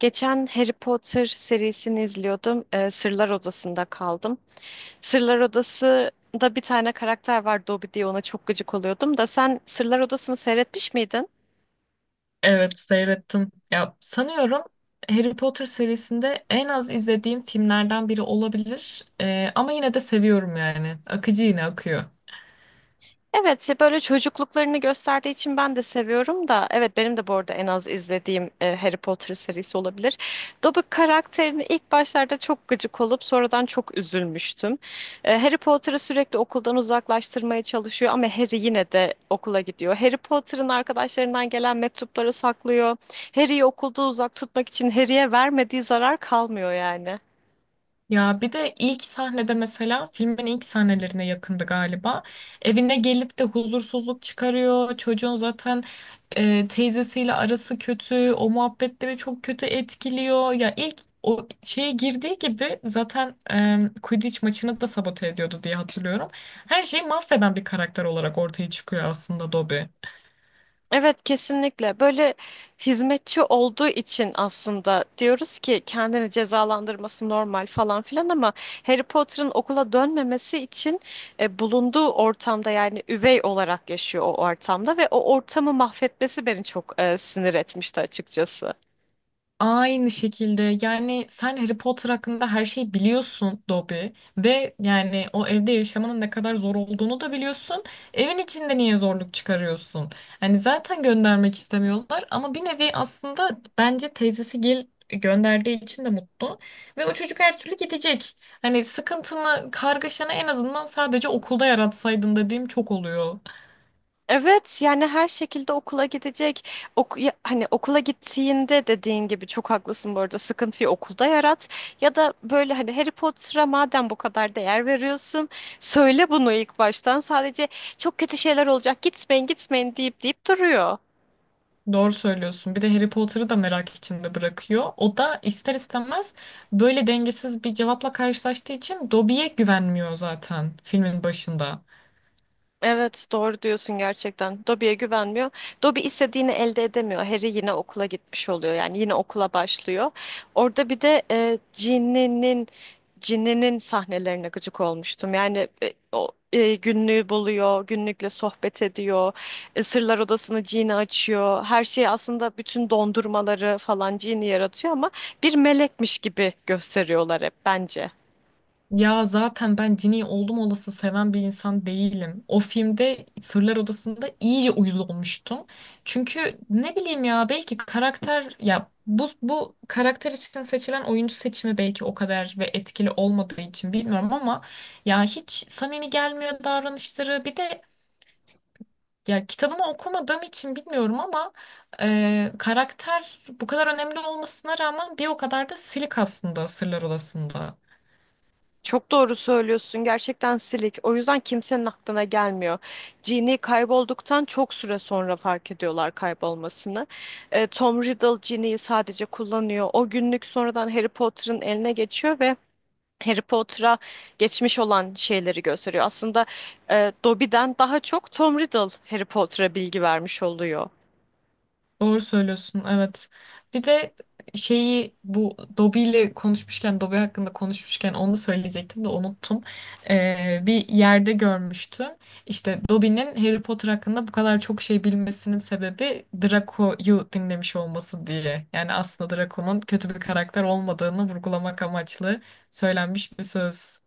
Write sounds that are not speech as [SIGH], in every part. Geçen Harry Potter serisini izliyordum. Sırlar Odası'nda kaldım. Sırlar Odası'nda bir tane karakter var Dobby diye ona çok gıcık oluyordum da sen Sırlar Odası'nı seyretmiş miydin? Evet seyrettim. Ya sanıyorum Harry Potter serisinde en az izlediğim filmlerden biri olabilir. Ama yine de seviyorum yani. Akıcı yine akıyor. Evet, ya böyle çocukluklarını gösterdiği için ben de seviyorum da evet benim de bu arada en az izlediğim Harry Potter serisi olabilir. Dobby karakterini ilk başlarda çok gıcık olup sonradan çok üzülmüştüm. Harry Potter'ı sürekli okuldan uzaklaştırmaya çalışıyor ama Harry yine de okula gidiyor. Harry Potter'ın arkadaşlarından gelen mektupları saklıyor. Harry'i okulda uzak tutmak için Harry'e vermediği zarar kalmıyor yani. Ya bir de ilk sahnede mesela filmin ilk sahnelerine yakındı galiba. Evine gelip de huzursuzluk çıkarıyor. Çocuğun zaten teyzesiyle arası kötü. O muhabbetleri çok kötü etkiliyor. Ya ilk o şeye girdiği gibi zaten Quidditch maçını da sabote ediyordu diye hatırlıyorum. Her şeyi mahveden bir karakter olarak ortaya çıkıyor aslında Dobby. Evet, kesinlikle böyle hizmetçi olduğu için aslında diyoruz ki kendini cezalandırması normal falan filan ama Harry Potter'ın okula dönmemesi için bulunduğu ortamda yani üvey olarak yaşıyor o ortamda ve o ortamı mahvetmesi beni çok sinir etmişti açıkçası. Aynı şekilde yani sen Harry Potter hakkında her şeyi biliyorsun Dobby ve yani o evde yaşamanın ne kadar zor olduğunu da biliyorsun. Evin içinde niye zorluk çıkarıyorsun? Hani zaten göndermek istemiyorlar ama bir nevi aslında bence teyzesi gel gönderdiği için de mutlu ve o çocuk her türlü gidecek. Hani sıkıntını, kargaşanı en azından sadece okulda yaratsaydın dediğim çok oluyor. Evet, yani her şekilde okula gidecek. Hani okula gittiğinde dediğin gibi çok haklısın, bu arada sıkıntıyı okulda yarat. Ya da böyle hani Harry Potter'a madem bu kadar değer veriyorsun söyle bunu ilk baştan. Sadece çok kötü şeyler olacak, gitmeyin gitmeyin deyip deyip duruyor. Doğru söylüyorsun. Bir de Harry Potter'ı da merak içinde bırakıyor. O da ister istemez böyle dengesiz bir cevapla karşılaştığı için Dobby'ye güvenmiyor zaten filmin başında. Evet, doğru diyorsun gerçekten. Dobby'ye güvenmiyor. Dobby istediğini elde edemiyor. Harry yine okula gitmiş oluyor. Yani yine okula başlıyor. Orada bir de Ginny'nin sahnelerine gıcık olmuştum. Yani o günlüğü buluyor, günlükle sohbet ediyor. Sırlar Odası'nı Ginny açıyor. Her şeyi aslında, bütün dondurmaları falan Ginny yaratıyor ama bir melekmiş gibi gösteriyorlar hep bence. Ya zaten ben Ginny'yi oldum olası seven bir insan değilim. O filmde Sırlar Odası'nda iyice uyuz olmuştum. Çünkü ne bileyim ya belki karakter ya bu karakter için seçilen oyuncu seçimi belki o kadar ve etkili olmadığı için bilmiyorum ama ya hiç samimi gelmiyor davranışları. Bir de ya kitabını okumadığım için bilmiyorum ama karakter bu kadar önemli olmasına rağmen bir o kadar da silik aslında Sırlar Odası'nda. Çok doğru söylüyorsun. Gerçekten silik. O yüzden kimsenin aklına gelmiyor. Jean'i kaybolduktan çok süre sonra fark ediyorlar kaybolmasını. Tom Riddle Jean'i sadece kullanıyor. O günlük sonradan Harry Potter'ın eline geçiyor ve Harry Potter'a geçmiş olan şeyleri gösteriyor. Aslında Dobby'den daha çok Tom Riddle Harry Potter'a bilgi vermiş oluyor. Doğru söylüyorsun, evet. Bir de şeyi bu Dobby ile konuşmuşken, Dobby hakkında konuşmuşken onu söyleyecektim de unuttum. Bir yerde görmüştüm. İşte Dobby'nin Harry Potter hakkında bu kadar çok şey bilmesinin sebebi Draco'yu dinlemiş olması diye. Yani aslında Draco'nun kötü bir karakter olmadığını vurgulamak amaçlı söylenmiş bir söz.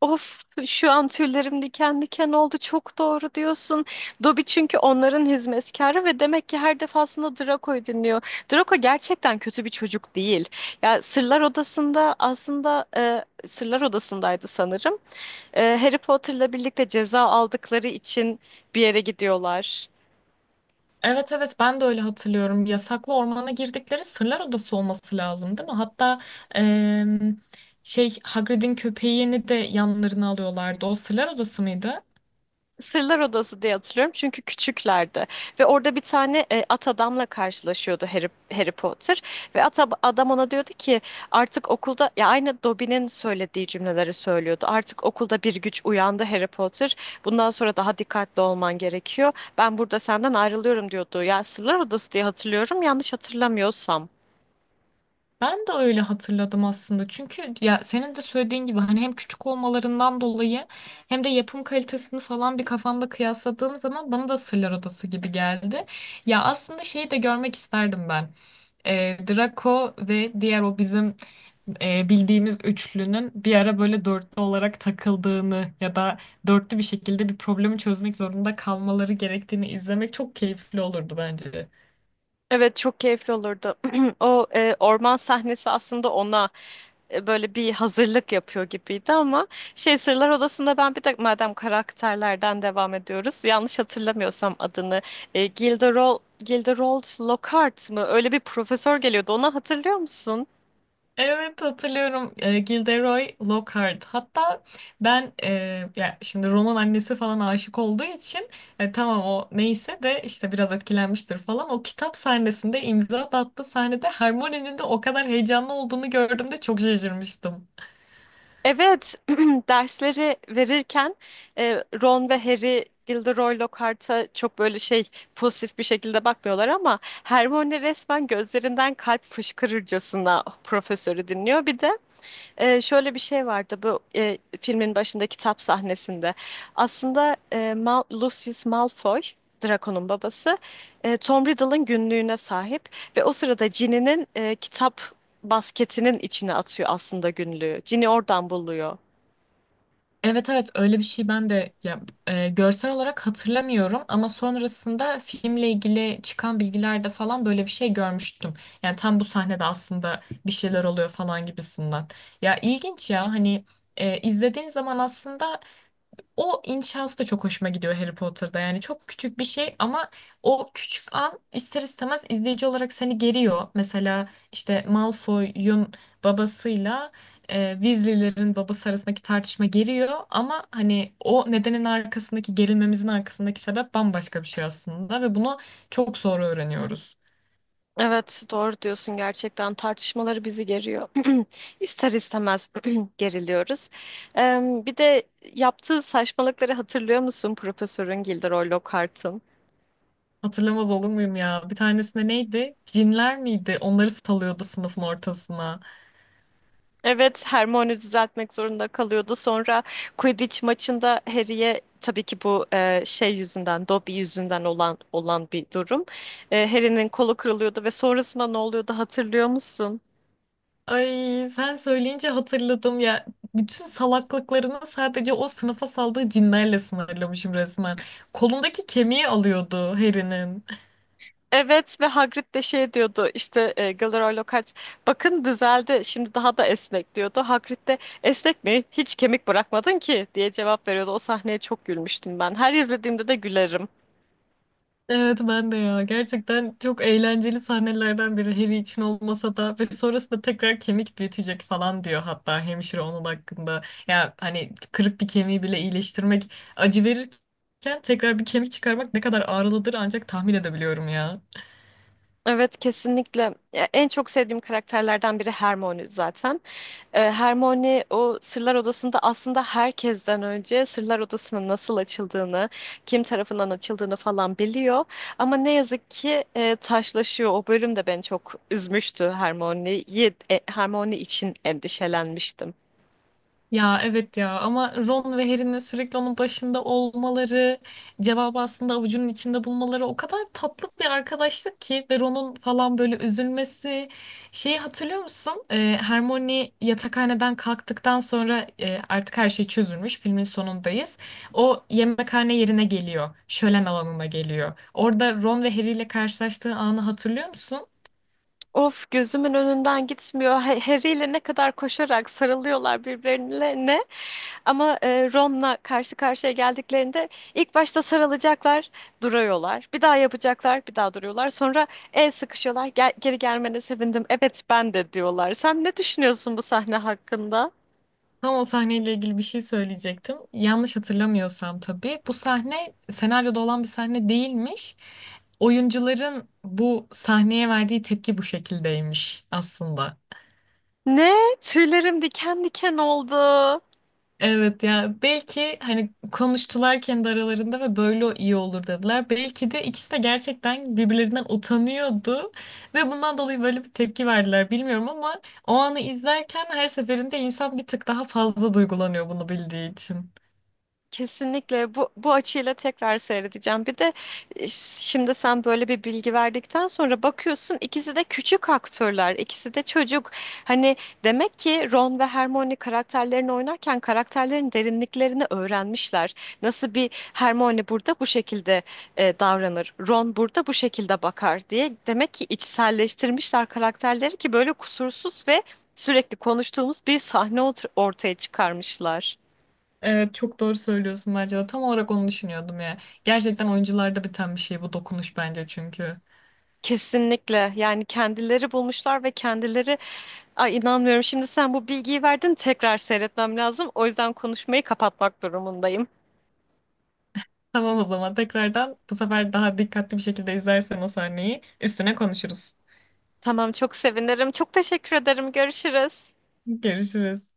Of, şu an tüylerim diken diken oldu. Çok doğru diyorsun. Dobby çünkü onların hizmetkarı ve demek ki her defasında Draco'yu dinliyor. Draco gerçekten kötü bir çocuk değil. Ya Sırlar Odası'nda aslında, Sırlar Odası'ndaydı sanırım. Harry Potter'la birlikte ceza aldıkları için bir yere gidiyorlar. Evet evet ben de öyle hatırlıyorum. Yasaklı ormana girdikleri Sırlar Odası olması lazım değil mi? Hatta em, şey Hagrid'in köpeğini de yanlarına alıyorlardı. O Sırlar Odası mıydı? Sırlar Odası diye hatırlıyorum çünkü küçüklerdi ve orada bir tane at adamla karşılaşıyordu Harry Potter ve adam ona diyordu ki artık okulda, ya aynı Dobby'nin söylediği cümleleri söylüyordu. Artık okulda bir güç uyandı Harry Potter. Bundan sonra daha dikkatli olman gerekiyor. Ben burada senden ayrılıyorum diyordu. Ya Sırlar Odası diye hatırlıyorum yanlış hatırlamıyorsam. Ben de öyle hatırladım aslında. Çünkü ya senin de söylediğin gibi hani hem küçük olmalarından dolayı hem de yapım kalitesini falan bir kafamda kıyasladığım zaman bana da Sırlar Odası gibi geldi. Ya aslında şeyi de görmek isterdim ben. Draco ve diğer o bizim bildiğimiz üçlünün bir ara böyle dörtlü olarak takıldığını ya da dörtlü bir şekilde bir problemi çözmek zorunda kalmaları gerektiğini izlemek çok keyifli olurdu bence. Evet, çok keyifli olurdu. [CLEARS THROAT] O orman sahnesi aslında ona böyle bir hazırlık yapıyor gibiydi ama şey, Sırlar Odası'nda, ben bir de madem karakterlerden devam ediyoruz, yanlış hatırlamıyorsam adını Gilderoy Lockhart mı, öyle bir profesör geliyordu, onu hatırlıyor musun? Evet hatırlıyorum, Gilderoy Lockhart. Hatta ben ya şimdi Ron'un annesi falan aşık olduğu için tamam o neyse de işte biraz etkilenmiştir falan. O kitap sahnesinde imza da attığı sahnede Hermione'nin de o kadar heyecanlı olduğunu gördüğümde çok şaşırmıştım. Evet. [CLEARS THROAT] Dersleri verirken Ron ve Harry Gilderoy Lockhart'a çok böyle şey, pozitif bir şekilde bakmıyorlar ama Hermione resmen gözlerinden kalp fışkırırcasına profesörü dinliyor. Bir de şöyle bir şey vardı bu filmin başında, kitap sahnesinde. Aslında e, Mal Lucius Malfoy, Draco'nun babası, Tom Riddle'ın günlüğüne sahip ve o sırada Ginny'nin kitap basketinin içine atıyor aslında günlüğü. Ginny oradan buluyor. Evet evet öyle bir şey ben de ya, görsel olarak hatırlamıyorum ama sonrasında filmle ilgili çıkan bilgilerde falan böyle bir şey görmüştüm. Yani tam bu sahnede aslında bir şeyler oluyor falan gibisinden. Ya ilginç ya hani izlediğin zaman aslında o inşası da çok hoşuma gidiyor Harry Potter'da. Yani çok küçük bir şey ama o küçük an ister istemez izleyici olarak seni geriyor. Mesela işte Malfoy'un babasıyla Weasley'lerin babası arasındaki tartışma geriyor ama hani o nedenin arkasındaki gerilmemizin arkasındaki sebep bambaşka bir şey aslında ve bunu çok sonra öğreniyoruz. Evet, doğru diyorsun, gerçekten tartışmaları bizi geriyor. [CLEARS THROAT] İster istemez [CLEARS THROAT] geriliyoruz. Ee, Bir de yaptığı saçmalıkları hatırlıyor musun Profesörün, Gilderoy Lockhart'ın? Hatırlamaz olur muyum ya? Bir tanesinde neydi? Cinler miydi? Onları salıyordu sınıfın ortasına. Evet, Hermione düzeltmek zorunda kalıyordu. Sonra Quidditch maçında Harry'e, tabii ki bu şey yüzünden, Dobby yüzünden olan bir durum. Harry'nin kolu kırılıyordu ve sonrasında ne oluyordu, hatırlıyor musun? Ay sen söyleyince hatırladım ya. Bütün salaklıklarını sadece o sınıfa saldığı cinlerle sınırlamışım resmen. Kolundaki kemiği alıyordu Harry'nin. Evet, ve Hagrid de şey diyordu, işte Gilderoy Lockhart bakın düzeldi şimdi, daha da esnek diyordu. Hagrid de esnek mi, hiç kemik bırakmadın ki diye cevap veriyordu. O sahneye çok gülmüştüm ben. Her izlediğimde de gülerim. Evet ben de ya. Gerçekten çok eğlenceli sahnelerden biri Harry için olmasa da ve sonrasında tekrar kemik büyütecek falan diyor hatta hemşire onun hakkında. Ya hani kırık bir kemiği bile iyileştirmek acı verirken tekrar bir kemik çıkarmak ne kadar ağrılıdır ancak tahmin edebiliyorum ya. Evet, kesinlikle. Ya, en çok sevdiğim karakterlerden biri Hermione zaten. Hermione o Sırlar Odası'nda aslında herkesten önce Sırlar Odası'nın nasıl açıldığını, kim tarafından açıldığını falan biliyor. Ama ne yazık ki taşlaşıyor. O bölüm de beni çok üzmüştü, Hermione'yi. Hermione için endişelenmiştim. Ya evet ya ama Ron ve Harry'nin sürekli onun başında olmaları, cevabı aslında avucunun içinde bulmaları o kadar tatlı bir arkadaşlık ki ve Ron'un falan böyle üzülmesi. Şeyi hatırlıyor musun? Hermione yatakhaneden kalktıktan sonra artık her şey çözülmüş. Filmin sonundayız. O yemekhane yerine geliyor. Şölen alanına geliyor. Orada Ron ve Harry ile karşılaştığı anı hatırlıyor musun? Of, gözümün önünden gitmiyor. Harry ile ne kadar koşarak sarılıyorlar birbirlerine. Ama Ron'la karşı karşıya geldiklerinde ilk başta sarılacaklar, duruyorlar. Bir daha yapacaklar, bir daha duruyorlar. Sonra el sıkışıyorlar. Gel, geri gelmene sevindim. Evet ben de, diyorlar. Sen ne düşünüyorsun bu sahne hakkında? Tam o sahneyle ilgili bir şey söyleyecektim. Yanlış hatırlamıyorsam tabii bu sahne senaryoda olan bir sahne değilmiş. Oyuncuların bu sahneye verdiği tepki bu şekildeymiş aslında. Ne? Tüylerim diken diken oldu. Evet ya belki hani konuştular kendi aralarında ve böyle iyi olur dediler. Belki de ikisi de gerçekten birbirlerinden utanıyordu ve bundan dolayı böyle bir tepki verdiler bilmiyorum ama o anı izlerken her seferinde insan bir tık daha fazla duygulanıyor bunu bildiği için. Kesinlikle, bu açıyla tekrar seyredeceğim. Bir de şimdi sen böyle bir bilgi verdikten sonra bakıyorsun, ikisi de küçük aktörler, ikisi de çocuk. Hani demek ki Ron ve Hermione karakterlerini oynarken karakterlerin derinliklerini öğrenmişler. Nasıl bir Hermione burada bu şekilde davranır, Ron burada bu şekilde bakar diye demek ki içselleştirmişler karakterleri ki böyle kusursuz ve sürekli konuştuğumuz bir sahne ortaya çıkarmışlar. Evet çok doğru söylüyorsun bence de. Tam olarak onu düşünüyordum ya. Gerçekten oyuncularda biten bir şey bu dokunuş bence çünkü. Kesinlikle, yani kendileri bulmuşlar ve kendileri, ay inanmıyorum, şimdi sen bu bilgiyi verdin, tekrar seyretmem lazım, o yüzden konuşmayı kapatmak durumundayım. Tamam o zaman tekrardan bu sefer daha dikkatli bir şekilde izlersen o sahneyi üstüne konuşuruz. Tamam, çok sevinirim, çok teşekkür ederim, görüşürüz. Görüşürüz.